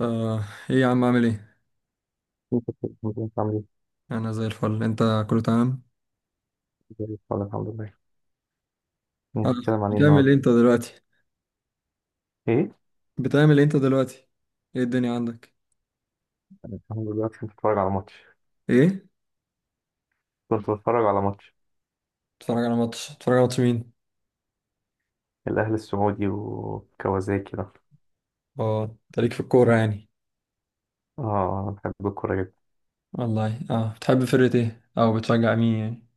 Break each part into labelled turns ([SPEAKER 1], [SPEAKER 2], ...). [SPEAKER 1] آه، ايه يا عم عامل ايه؟
[SPEAKER 2] كنت كنت عامل ايه؟
[SPEAKER 1] انا زي الفل. انت كله تمام؟
[SPEAKER 2] زي الفل الحمد لله. يعني
[SPEAKER 1] آه،
[SPEAKER 2] هنتكلم عن ايه
[SPEAKER 1] بتعمل ايه
[SPEAKER 2] النهارده؟
[SPEAKER 1] انت دلوقتي؟
[SPEAKER 2] ايه؟
[SPEAKER 1] بتعمل ايه انت دلوقتي؟ ايه الدنيا عندك؟
[SPEAKER 2] انا الحمد لله كنت بتفرج على ماتش.
[SPEAKER 1] ايه؟
[SPEAKER 2] كنت بتفرج على ماتش
[SPEAKER 1] بتتفرج على ماتش مين؟
[SPEAKER 2] الاهلي السعودي وكوازاكي ده.
[SPEAKER 1] اه انت ليك في الكورة يعني.
[SPEAKER 2] اه، انا بحب الكورة جدا.
[SPEAKER 1] والله اه بتحب فرقة ايه؟ او بتشجع مين يعني؟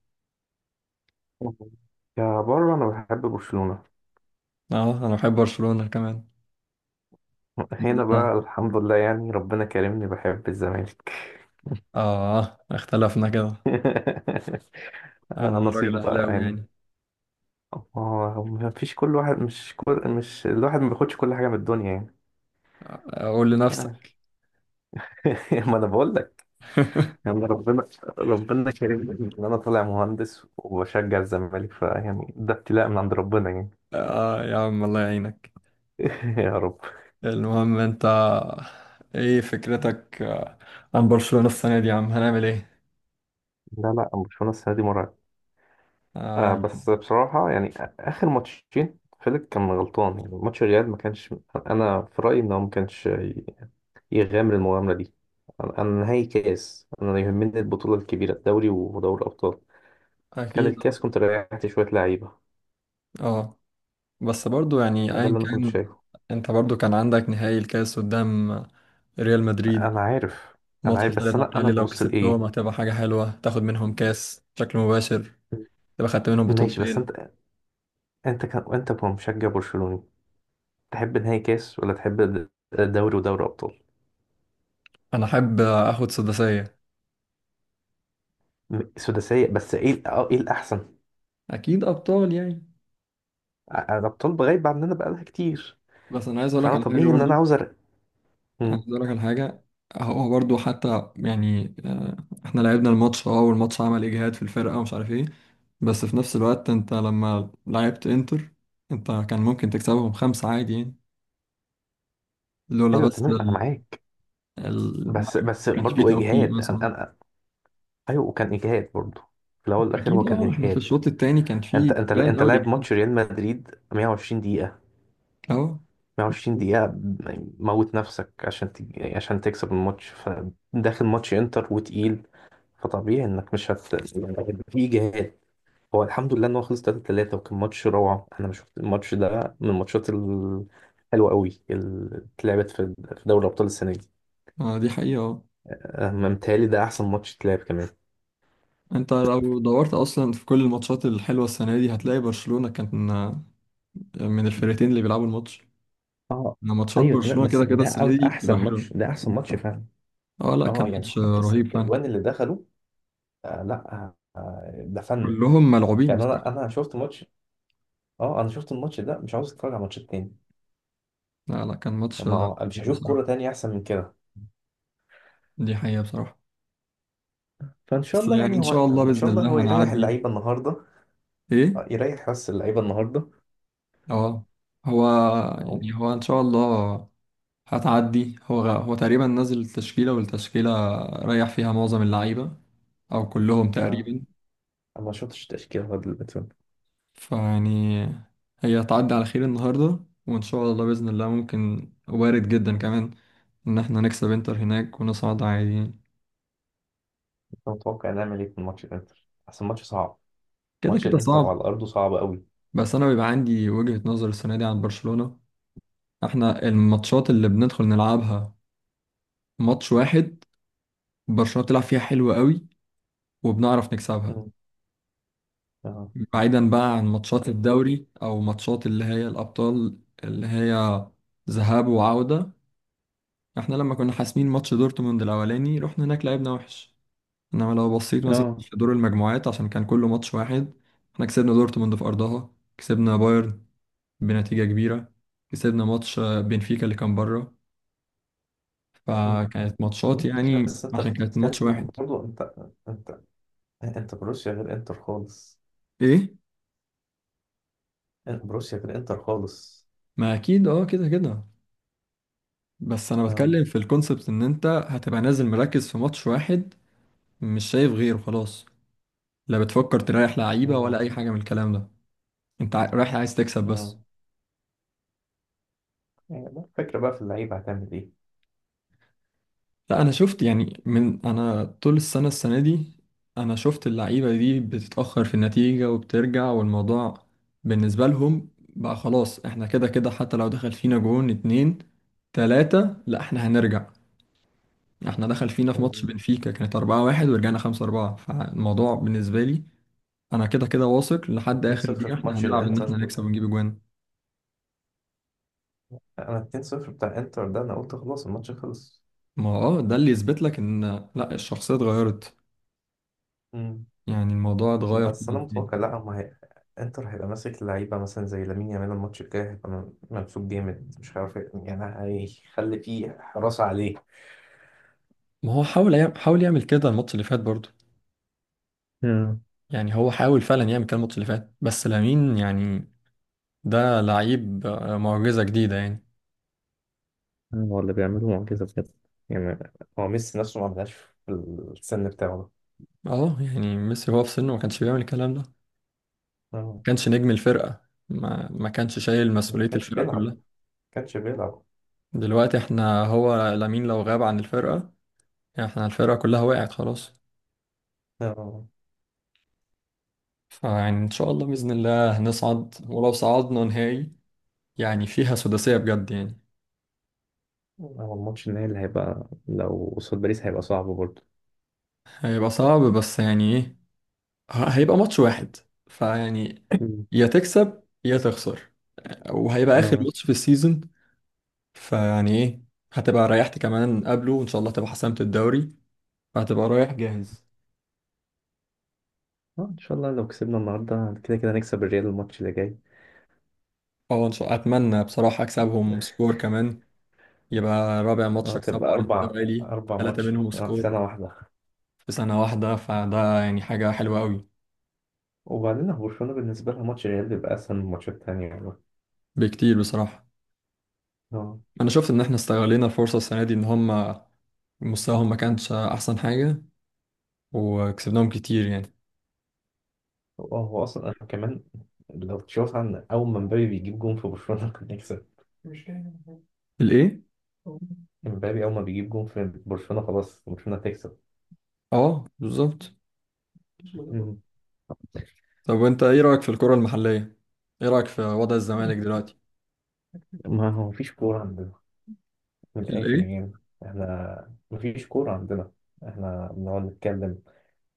[SPEAKER 2] يا بره انا بحب برشلونة.
[SPEAKER 1] اه انا بحب برشلونة كمان.
[SPEAKER 2] هنا
[SPEAKER 1] ده-
[SPEAKER 2] بقى الحمد لله، يعني ربنا كرمني بحب الزمالك.
[SPEAKER 1] اه اختلفنا كده.
[SPEAKER 2] آه،
[SPEAKER 1] انا راجل
[SPEAKER 2] نصيب بقى
[SPEAKER 1] اهلاوي
[SPEAKER 2] يعني.
[SPEAKER 1] يعني.
[SPEAKER 2] اه، ما فيش كل واحد مش كل مش الواحد ما بياخدش كل حاجة من الدنيا يعني.
[SPEAKER 1] آه، قول لنفسك.
[SPEAKER 2] ما انا بقول يعني، ربنا كريم ان انا طالع مهندس وبشجع الزمالك، فيعني ده ابتلاء من عند ربنا يعني.
[SPEAKER 1] اه يا عم الله يعينك.
[SPEAKER 2] يا رب.
[SPEAKER 1] المهم انت ايه فكرتك عن برشلونة السنة دي يا عم هنعمل ايه؟
[SPEAKER 2] لا لا، برشلونة السنة دي مرعب. آه،
[SPEAKER 1] آه،
[SPEAKER 2] بس بصراحة يعني، آخر ماتشين فيليك كان غلطان، يعني ماتش الريال ما كانش. أنا في رأيي إن هو ما كانش يغامر المغامرة دي. أنا نهائي كاس، أنا يهمني البطولة الكبيرة، الدوري ودوري الأبطال. كان
[SPEAKER 1] اكيد اه.
[SPEAKER 2] الكاس كنت ريحت شوية لعيبة.
[SPEAKER 1] آه. بس برضو يعني
[SPEAKER 2] ده
[SPEAKER 1] ايا
[SPEAKER 2] اللي أنا كنت
[SPEAKER 1] كان،
[SPEAKER 2] شايفه.
[SPEAKER 1] انت برضو كان عندك نهائي الكاس قدام ريال مدريد.
[SPEAKER 2] أنا عارف. أنا
[SPEAKER 1] ماتش
[SPEAKER 2] عارف،
[SPEAKER 1] ثالث
[SPEAKER 2] بس
[SPEAKER 1] على
[SPEAKER 2] أنا
[SPEAKER 1] التالي لو
[SPEAKER 2] ببص
[SPEAKER 1] كسبتهم
[SPEAKER 2] لإيه.
[SPEAKER 1] هتبقى حاجة حلوة تاخد منهم كاس بشكل مباشر، تبقى خدت منهم
[SPEAKER 2] ماشي، بس
[SPEAKER 1] بطولتين.
[SPEAKER 2] أنت، انت كمشجع برشلوني، تحب نهائي كاس ولا تحب دوري ودوري ابطال.
[SPEAKER 1] انا احب اخد سداسية.
[SPEAKER 2] سداسيه، بس ايه ال- اه ايه الاحسن؟
[SPEAKER 1] اكيد ابطال يعني.
[SPEAKER 2] الابطال غايبه عننا بقالها كتير،
[SPEAKER 1] بس انا عايز اقول لك
[SPEAKER 2] فانا
[SPEAKER 1] على حاجة
[SPEAKER 2] طبيعي ان انا
[SPEAKER 1] برضو،
[SPEAKER 2] عاوز أرق...
[SPEAKER 1] عايز
[SPEAKER 2] مم.
[SPEAKER 1] اقول لك على حاجه. هو برضو حتى يعني احنا لعبنا الماتش اه والماتش عمل اجهاد في الفرقه ومش عارف ايه. بس في نفس الوقت انت لما لعبت انتر انت كان ممكن تكسبهم خمسة عادي يعني، لولا
[SPEAKER 2] ايوه
[SPEAKER 1] بس
[SPEAKER 2] تمام، انا معاك.
[SPEAKER 1] ما
[SPEAKER 2] بس بس
[SPEAKER 1] كانش فيه
[SPEAKER 2] برضو
[SPEAKER 1] توفيق
[SPEAKER 2] اجهاد،
[SPEAKER 1] مثلا.
[SPEAKER 2] أنا. ايوه وكان اجهاد برضو. في الاول والاخر
[SPEAKER 1] اكيد
[SPEAKER 2] هو كان
[SPEAKER 1] اه احنا في
[SPEAKER 2] اجهاد.
[SPEAKER 1] الشوط التاني كان
[SPEAKER 2] انت
[SPEAKER 1] فيه
[SPEAKER 2] انت
[SPEAKER 1] بان
[SPEAKER 2] انت
[SPEAKER 1] قوي
[SPEAKER 2] لاعب
[SPEAKER 1] الاجهاد.
[SPEAKER 2] ماتش ريال مدريد 120 دقيقه،
[SPEAKER 1] اهو.
[SPEAKER 2] 120 دقيقه، موت نفسك عشان تكسب الماتش، فداخل ماتش انتر وتقيل، فطبيعي انك مش هت يعني، هيبقى في اجهاد. هو الحمد لله ان هو خلص 3-3، وكان ماتش روعه. انا شفت الماتش ده من الماتشات الحلوه قوي اللي اتلعبت في دوري ابطال السنه دي.
[SPEAKER 1] آه، دي حقيقه اه.
[SPEAKER 2] أه، متهيألي ده احسن ماتش اتلعب كمان.
[SPEAKER 1] انت لو دورت اصلا في كل الماتشات الحلوه السنه دي هتلاقي برشلونه كانت من الفرقتين اللي بيلعبوا الماتش.
[SPEAKER 2] اه
[SPEAKER 1] انا ماتشات
[SPEAKER 2] ايوه تمام،
[SPEAKER 1] برشلونة
[SPEAKER 2] بس
[SPEAKER 1] كده كده
[SPEAKER 2] ده
[SPEAKER 1] السنة دي
[SPEAKER 2] احسن
[SPEAKER 1] بتبقى حلوة.
[SPEAKER 2] ماتش، ده احسن ماتش فعلا.
[SPEAKER 1] اه لا كان
[SPEAKER 2] اه، يعني
[SPEAKER 1] ماتش
[SPEAKER 2] حتى الست
[SPEAKER 1] رهيب فعلا.
[SPEAKER 2] اجوان اللي دخلوا، آه لا آه، ده فن.
[SPEAKER 1] كلهم ملعوبين
[SPEAKER 2] يعني انا
[SPEAKER 1] بصراحة.
[SPEAKER 2] انا شفت ماتش، اه انا شفت الماتش ده مش عاوز اتفرج على ماتش تاني.
[SPEAKER 1] لا لا كان ماتش
[SPEAKER 2] ما هو مش
[SPEAKER 1] كبير
[SPEAKER 2] هشوف
[SPEAKER 1] بصراحة.
[SPEAKER 2] كوره تانية احسن من كده.
[SPEAKER 1] دي حقيقة بصراحة.
[SPEAKER 2] فان شاء
[SPEAKER 1] بس
[SPEAKER 2] الله
[SPEAKER 1] يعني
[SPEAKER 2] يعني،
[SPEAKER 1] ان
[SPEAKER 2] هو
[SPEAKER 1] شاء الله
[SPEAKER 2] ان
[SPEAKER 1] بإذن
[SPEAKER 2] شاء الله هو
[SPEAKER 1] الله
[SPEAKER 2] يريح
[SPEAKER 1] هنعدي.
[SPEAKER 2] اللعيبه النهارده. آه،
[SPEAKER 1] ايه؟
[SPEAKER 2] يريح بس اللعيبه النهارده.
[SPEAKER 1] اه هو
[SPEAKER 2] او
[SPEAKER 1] يعني هو ان شاء الله هتعدي. هو تقريبا نزل التشكيلة والتشكيلة ريح فيها معظم اللعيبة او كلهم
[SPEAKER 2] آه،
[SPEAKER 1] تقريبا.
[SPEAKER 2] انا ما شفتش تشكيله غير البتون.
[SPEAKER 1] فيعني هي هتعدي على خير النهاردة، وإن شاء الله بإذن الله ممكن وارد جدا كمان إن إحنا نكسب إنتر هناك ونصعد عاديين.
[SPEAKER 2] انت متوقع نعمل ايه في ماتش الانتر؟ احسن ماتش صعب.
[SPEAKER 1] كده
[SPEAKER 2] ماتش
[SPEAKER 1] كده
[SPEAKER 2] الانتر على
[SPEAKER 1] صعب.
[SPEAKER 2] ارضه صعب قوي.
[SPEAKER 1] بس أنا بيبقى عندي وجهة نظر السنة دي عن برشلونة. إحنا الماتشات اللي بندخل نلعبها ماتش واحد برشلونة بتلعب فيها حلو قوي وبنعرف نكسبها،
[SPEAKER 2] مم. اه.
[SPEAKER 1] بعيدا بقى عن ماتشات الدوري أو ماتشات اللي هي الأبطال اللي هي ذهاب وعودة. إحنا لما كنا حاسمين ماتش دورتموند الأولاني رحنا هناك لعبنا وحش. انما لو بصيت مثلا
[SPEAKER 2] اه.
[SPEAKER 1] في دور المجموعات عشان كان كله ماتش واحد، احنا كسبنا دورتموند في ارضها، كسبنا بايرن بنتيجة كبيرة، كسبنا ماتش بنفيكا اللي كان بره.
[SPEAKER 2] مم.
[SPEAKER 1] فكانت ماتشات
[SPEAKER 2] ماشي،
[SPEAKER 1] يعني
[SPEAKER 2] بس انت
[SPEAKER 1] عشان كانت ماتش
[SPEAKER 2] بتتكلم
[SPEAKER 1] واحد.
[SPEAKER 2] برضه، انت انت انت بروسيا غير انتر خالص.
[SPEAKER 1] ايه؟
[SPEAKER 2] انت بروسيا غير انتر خالص.
[SPEAKER 1] ما اكيد اه كده كده. بس انا
[SPEAKER 2] اه.
[SPEAKER 1] بتكلم في الكونسبت ان انت هتبقى نازل مركز في ماتش واحد، مش شايف غيره خلاص، لا بتفكر تريح لعيبة ولا
[SPEAKER 2] مم.
[SPEAKER 1] اي حاجة من الكلام ده. انت رايح عايز تكسب
[SPEAKER 2] اه،
[SPEAKER 1] بس.
[SPEAKER 2] يعني بقى الفكرة بقى في اللعيبة هتعمل ايه.
[SPEAKER 1] لا انا شفت يعني من انا طول السنه السنه دي، انا شفت اللعيبه دي بتتاخر في النتيجه وبترجع، والموضوع بالنسبه لهم بقى خلاص احنا كده كده حتى لو دخل فينا جون اتنين تلاته لا احنا هنرجع. احنا دخل فينا في ماتش
[SPEAKER 2] مم.
[SPEAKER 1] بنفيكا كانت 4-1 ورجعنا 5-4. فالموضوع بالنسبة لي أنا كده كده واثق لحد آخر
[SPEAKER 2] و2-0
[SPEAKER 1] دقيقة
[SPEAKER 2] في
[SPEAKER 1] احنا
[SPEAKER 2] ماتش
[SPEAKER 1] هنلعب إن
[SPEAKER 2] الانتر،
[SPEAKER 1] احنا نكسب ونجيب أجوان.
[SPEAKER 2] انا 2-0 بتاع انتر ده انا قلت خلاص الماتش خلص.
[SPEAKER 1] ما هو اه ده اللي يثبت لك إن لا الشخصية اتغيرت،
[SPEAKER 2] مم.
[SPEAKER 1] يعني الموضوع اتغير
[SPEAKER 2] بس انا
[SPEAKER 1] خالص.
[SPEAKER 2] متوقع، لا ما هي انتر هيبقى ماسك لعيبه مثلا زي لامين يامال. الماتش الجاي هيبقى ممسوك جامد، مش عارف إيه يعني، هيخلي فيه حراسه عليه.
[SPEAKER 1] ما هو حاول يعمل كده الماتش اللي فات برضه.
[SPEAKER 2] مم.
[SPEAKER 1] يعني هو حاول فعلا يعمل كده الماتش اللي فات بس لامين يعني ده لعيب معجزة جديدة يعني.
[SPEAKER 2] هو اللي بيعملوا معجزة بجد يعني. هو ميسي نفسه ما عملهاش في السن بتاعه ده.
[SPEAKER 1] اه يعني ميسي هو في سنه ما كانش بيعمل الكلام ده، ما
[SPEAKER 2] آه،
[SPEAKER 1] كانش نجم الفرقة، ما كانش شايل
[SPEAKER 2] ما
[SPEAKER 1] مسؤولية
[SPEAKER 2] كانش
[SPEAKER 1] الفرقة
[SPEAKER 2] بيلعب ما
[SPEAKER 1] كلها.
[SPEAKER 2] كانش بيلعب
[SPEAKER 1] دلوقتي احنا هو لامين لو غاب عن الفرقة يعني احنا الفرقة كلها وقعت خلاص.
[SPEAKER 2] اه.
[SPEAKER 1] فيعني ان شاء الله بإذن الله هنصعد، ولو صعدنا نهائي يعني فيها سداسية بجد يعني.
[SPEAKER 2] هو الماتش النهائي اللي هيبقى لو قصاد باريس هيبقى صعب برضه.
[SPEAKER 1] هيبقى صعب بس يعني ايه، هيبقى ماتش واحد، فيعني
[SPEAKER 2] مم.
[SPEAKER 1] يا تكسب يا تخسر، وهيبقى اخر
[SPEAKER 2] اه.
[SPEAKER 1] ماتش في السيزون. فيعني ايه، هتبقى ريحت كمان قبله وان شاء الله هتبقى حسمت الدوري، فهتبقى رايح جاهز.
[SPEAKER 2] اه، ان شاء الله لو كسبنا النهارده كده كده نكسب الريال الماتش اللي جاي.
[SPEAKER 1] اه ان شاء الله. اتمنى بصراحة اكسبهم سكور كمان، يبقى رابع
[SPEAKER 2] اه،
[SPEAKER 1] ماتش اكسبه
[SPEAKER 2] تبقى
[SPEAKER 1] على
[SPEAKER 2] اربع
[SPEAKER 1] التوالي.
[SPEAKER 2] اربع
[SPEAKER 1] ثلاثة
[SPEAKER 2] ماتش
[SPEAKER 1] منهم
[SPEAKER 2] في
[SPEAKER 1] سكور
[SPEAKER 2] سنه واحده.
[SPEAKER 1] في سنة واحدة، فده يعني حاجة حلوة قوي.
[SPEAKER 2] وبعدين هو برشلونه بالنسبه لها ماتش الريال بيبقى اسهل من الماتشات التانيه يعني.
[SPEAKER 1] بكتير بصراحة.
[SPEAKER 2] اه.
[SPEAKER 1] انا شفت ان احنا استغلينا الفرصة السنة دي ان هم مستواهم ما كانش احسن حاجة وكسبناهم كتير يعني.
[SPEAKER 2] هو هو اصلا انا كمان، لو تشوف عن اول ما مبابي بيجيب جون في برشلونه كنا نكسب.
[SPEAKER 1] الايه؟
[SPEAKER 2] مبابي اول ما بيجيب جون في برشلونه خلاص برشلونه تكسب.
[SPEAKER 1] اه بالظبط.
[SPEAKER 2] مم.
[SPEAKER 1] طب وانت ايه رأيك في الكرة المحلية؟ ايه رأيك في وضع الزمالك دلوقتي؟
[SPEAKER 2] ما هو مفيش كوره عندنا، من الاخر
[SPEAKER 1] الايه؟
[SPEAKER 2] يعني. احنا مفيش كوره عندنا، احنا بنقعد نتكلم.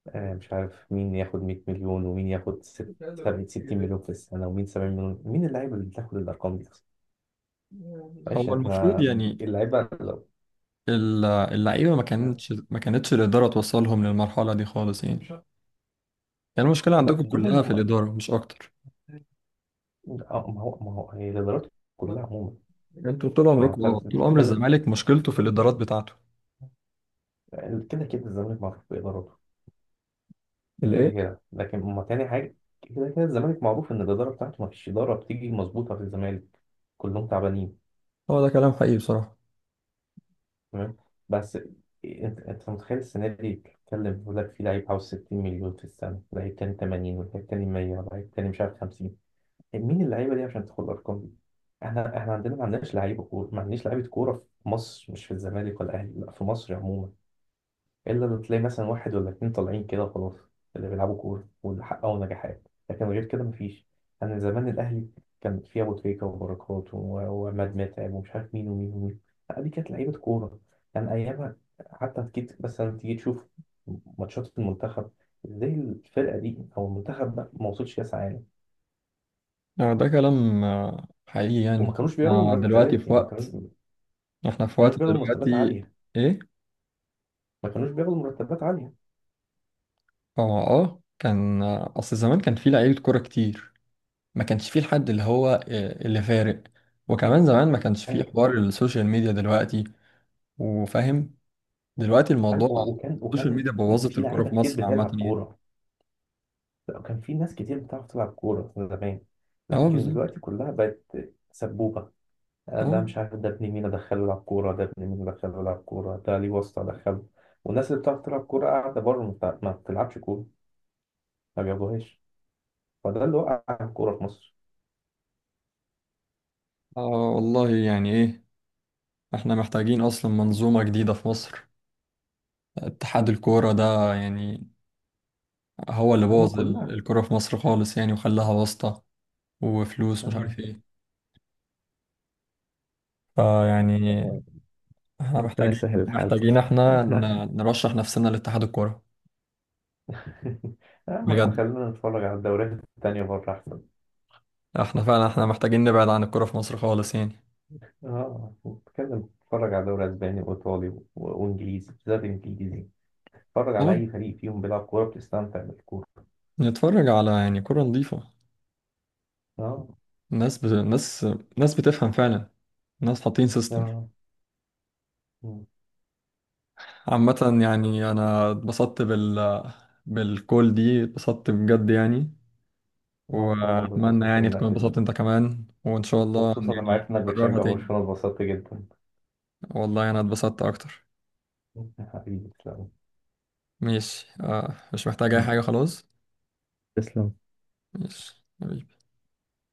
[SPEAKER 2] آه، مش عارف مين ياخد 100 مليون، ومين ياخد 60 مليون في السنة، ومين 70 مليون، مين اللعيبة اللي بتاخد الأرقام دي أصلا؟ معلش
[SPEAKER 1] هو
[SPEAKER 2] احنا،
[SPEAKER 1] المفروض يعني
[SPEAKER 2] اللعيبة لو،
[SPEAKER 1] اللعيبة، ما
[SPEAKER 2] لا،
[SPEAKER 1] كانتش ما كانتش الإدارة توصلهم للمرحلة دي خالص يعني. يعني المشكلة عندكم
[SPEAKER 2] ادوهم،
[SPEAKER 1] كلها في
[SPEAKER 2] آه،
[SPEAKER 1] الإدارة مش أكتر.
[SPEAKER 2] ما هو هي الإدارات كلها عموما.
[SPEAKER 1] انتوا طول
[SPEAKER 2] يعني
[SPEAKER 1] عمركم
[SPEAKER 2] انت
[SPEAKER 1] اه طول عمر
[SPEAKER 2] بتتكلم،
[SPEAKER 1] الزمالك مشكلته في الإدارات بتاعته.
[SPEAKER 2] كده كده الزمالك معروف بإدارته. كده
[SPEAKER 1] الايه؟
[SPEAKER 2] كده، لكن ما تاني حاجة، كده كده الزمالك معروف إن الإدارة بتاعته ما فيش إدارة بتيجي مظبوطة في الزمالك، كلهم تعبانين.
[SPEAKER 1] هو ده كلام حقيقي بصراحة.
[SPEAKER 2] تمام. بس انت متخيل السنه دي بتتكلم بيقول لك في لعيب عاوز 60 مليون في السنه، لعيب تاني 80، ولعيب تاني 100، ولعيب تاني مش عارف 50. مين اللعيبه دي عشان تدخل الارقام دي؟ احنا عندنا ما عندناش لعيبه كوره، ما عندناش لعيبه كوره في مصر، مش في الزمالك ولا الاهلي، لا في مصر عموما. الا لو تلاقي مثلا واحد ولا اتنين طالعين كده خلاص، اللي بيلعبوا كوره واللي حققوا نجاحات، لكن غير كده مفيش. انا زمان الاهلي كان فيه ابو تريكه، وبركات، وعماد متعب، ومش عارف مين ومين ومين. لا، دي كانت لعيبه كوره، كان ايامها. حتى اكيد مثلا تيجي تشوف ماتشات المنتخب ازاي الفرقه دي او المنتخب ده ما وصلش كاس عالم.
[SPEAKER 1] يعني ده كلام حقيقي.
[SPEAKER 2] وما
[SPEAKER 1] يعني
[SPEAKER 2] كانوش بياخدوا
[SPEAKER 1] احنا دلوقتي
[SPEAKER 2] مرتبات
[SPEAKER 1] في
[SPEAKER 2] يعني، ما كانوش
[SPEAKER 1] وقت،
[SPEAKER 2] ما
[SPEAKER 1] احنا في وقت
[SPEAKER 2] كانوش بياخدوا مرتبات
[SPEAKER 1] دلوقتي.
[SPEAKER 2] عاليه،
[SPEAKER 1] ايه؟
[SPEAKER 2] ما كانوش بياخدوا مرتبات عاليه.
[SPEAKER 1] اه اه كان اصل زمان كان في لعيبة كورة كتير. ما كانش فيه الحد اللي هو اللي فارق. وكمان زمان ما كانش فيه
[SPEAKER 2] ايوه.
[SPEAKER 1] حوار السوشيال ميديا دلوقتي، وفاهم دلوقتي
[SPEAKER 2] أيوة،
[SPEAKER 1] الموضوع.
[SPEAKER 2] وكان
[SPEAKER 1] السوشيال
[SPEAKER 2] وكان
[SPEAKER 1] ميديا بوظت
[SPEAKER 2] في
[SPEAKER 1] الكورة
[SPEAKER 2] لعيبه
[SPEAKER 1] في
[SPEAKER 2] كتير
[SPEAKER 1] مصر عامة
[SPEAKER 2] بتلعب
[SPEAKER 1] يعني.
[SPEAKER 2] كوره. لا، كان في ناس كتير بتعرف تلعب كورة زمان،
[SPEAKER 1] اه
[SPEAKER 2] لكن
[SPEAKER 1] بالظبط.
[SPEAKER 2] دلوقتي كلها بقت سبوبة. ده
[SPEAKER 1] اه
[SPEAKER 2] مش عارف ده ابن مين أدخله يلعب كورة، ده ابن مين أدخله يلعب كورة، ده ليه واسطة أدخله. والناس اللي بتعرف تلعب كورة قاعدة بره، ما بتلعبش كورة، ما بيلعبوهاش. فده اللي وقع الكورة في مصر،
[SPEAKER 1] آه، والله يعني ايه، احنا محتاجين اصلا منظومة جديدة في مصر. اتحاد الكورة ده يعني هو اللي
[SPEAKER 2] هما
[SPEAKER 1] بوظ
[SPEAKER 2] كلها.
[SPEAKER 1] الكورة في مصر خالص يعني، وخلاها واسطة وفلوس مش
[SPEAKER 2] آه.
[SPEAKER 1] عارف ايه. فيعني احنا
[SPEAKER 2] ربنا
[SPEAKER 1] محتاجين
[SPEAKER 2] يسهل الحال بقى.
[SPEAKER 1] محتاجين احنا
[SPEAKER 2] احنا.
[SPEAKER 1] نرشح نفسنا لاتحاد الكورة
[SPEAKER 2] آه، ما احنا
[SPEAKER 1] بجد.
[SPEAKER 2] خلينا نتفرج على الدوريات التانية بره أحسن.
[SPEAKER 1] احنا فعلا احنا محتاجين نبعد عن الكرة في مصر خالص يعني.
[SPEAKER 2] اه، نتفرج على دوري أسباني وإيطالي وإنجليزي، بالذات إنجليزي. اتفرج على
[SPEAKER 1] اه
[SPEAKER 2] أي فريق فيهم بيلعب كورة، بتستمتع بالكورة.
[SPEAKER 1] نتفرج على يعني كرة نظيفة،
[SPEAKER 2] أه.
[SPEAKER 1] ناس ناس بتفهم فعلا، ناس حاطين سيستم.
[SPEAKER 2] آه. مم.
[SPEAKER 1] عامة يعني أنا اتبسطت بالكول دي، اتبسطت بجد يعني.
[SPEAKER 2] وأنا كمان
[SPEAKER 1] وأتمنى
[SPEAKER 2] اتبسطت
[SPEAKER 1] يعني تكون
[SPEAKER 2] بالمناقشة دي،
[SPEAKER 1] اتبسطت أنت كمان، وإن شاء الله
[SPEAKER 2] وخصوصا لما
[SPEAKER 1] يعني
[SPEAKER 2] عرفت إنك
[SPEAKER 1] نكررها
[SPEAKER 2] بتشجع
[SPEAKER 1] تاني.
[SPEAKER 2] برشلونة اتبسطت جدا.
[SPEAKER 1] والله أنا اتبسطت أكتر.
[SPEAKER 2] حبيبي تسلم.
[SPEAKER 1] ماشي مش محتاج أي
[SPEAKER 2] مم.
[SPEAKER 1] حاجة خلاص.
[SPEAKER 2] تسلم
[SPEAKER 1] ماشي حبيبي.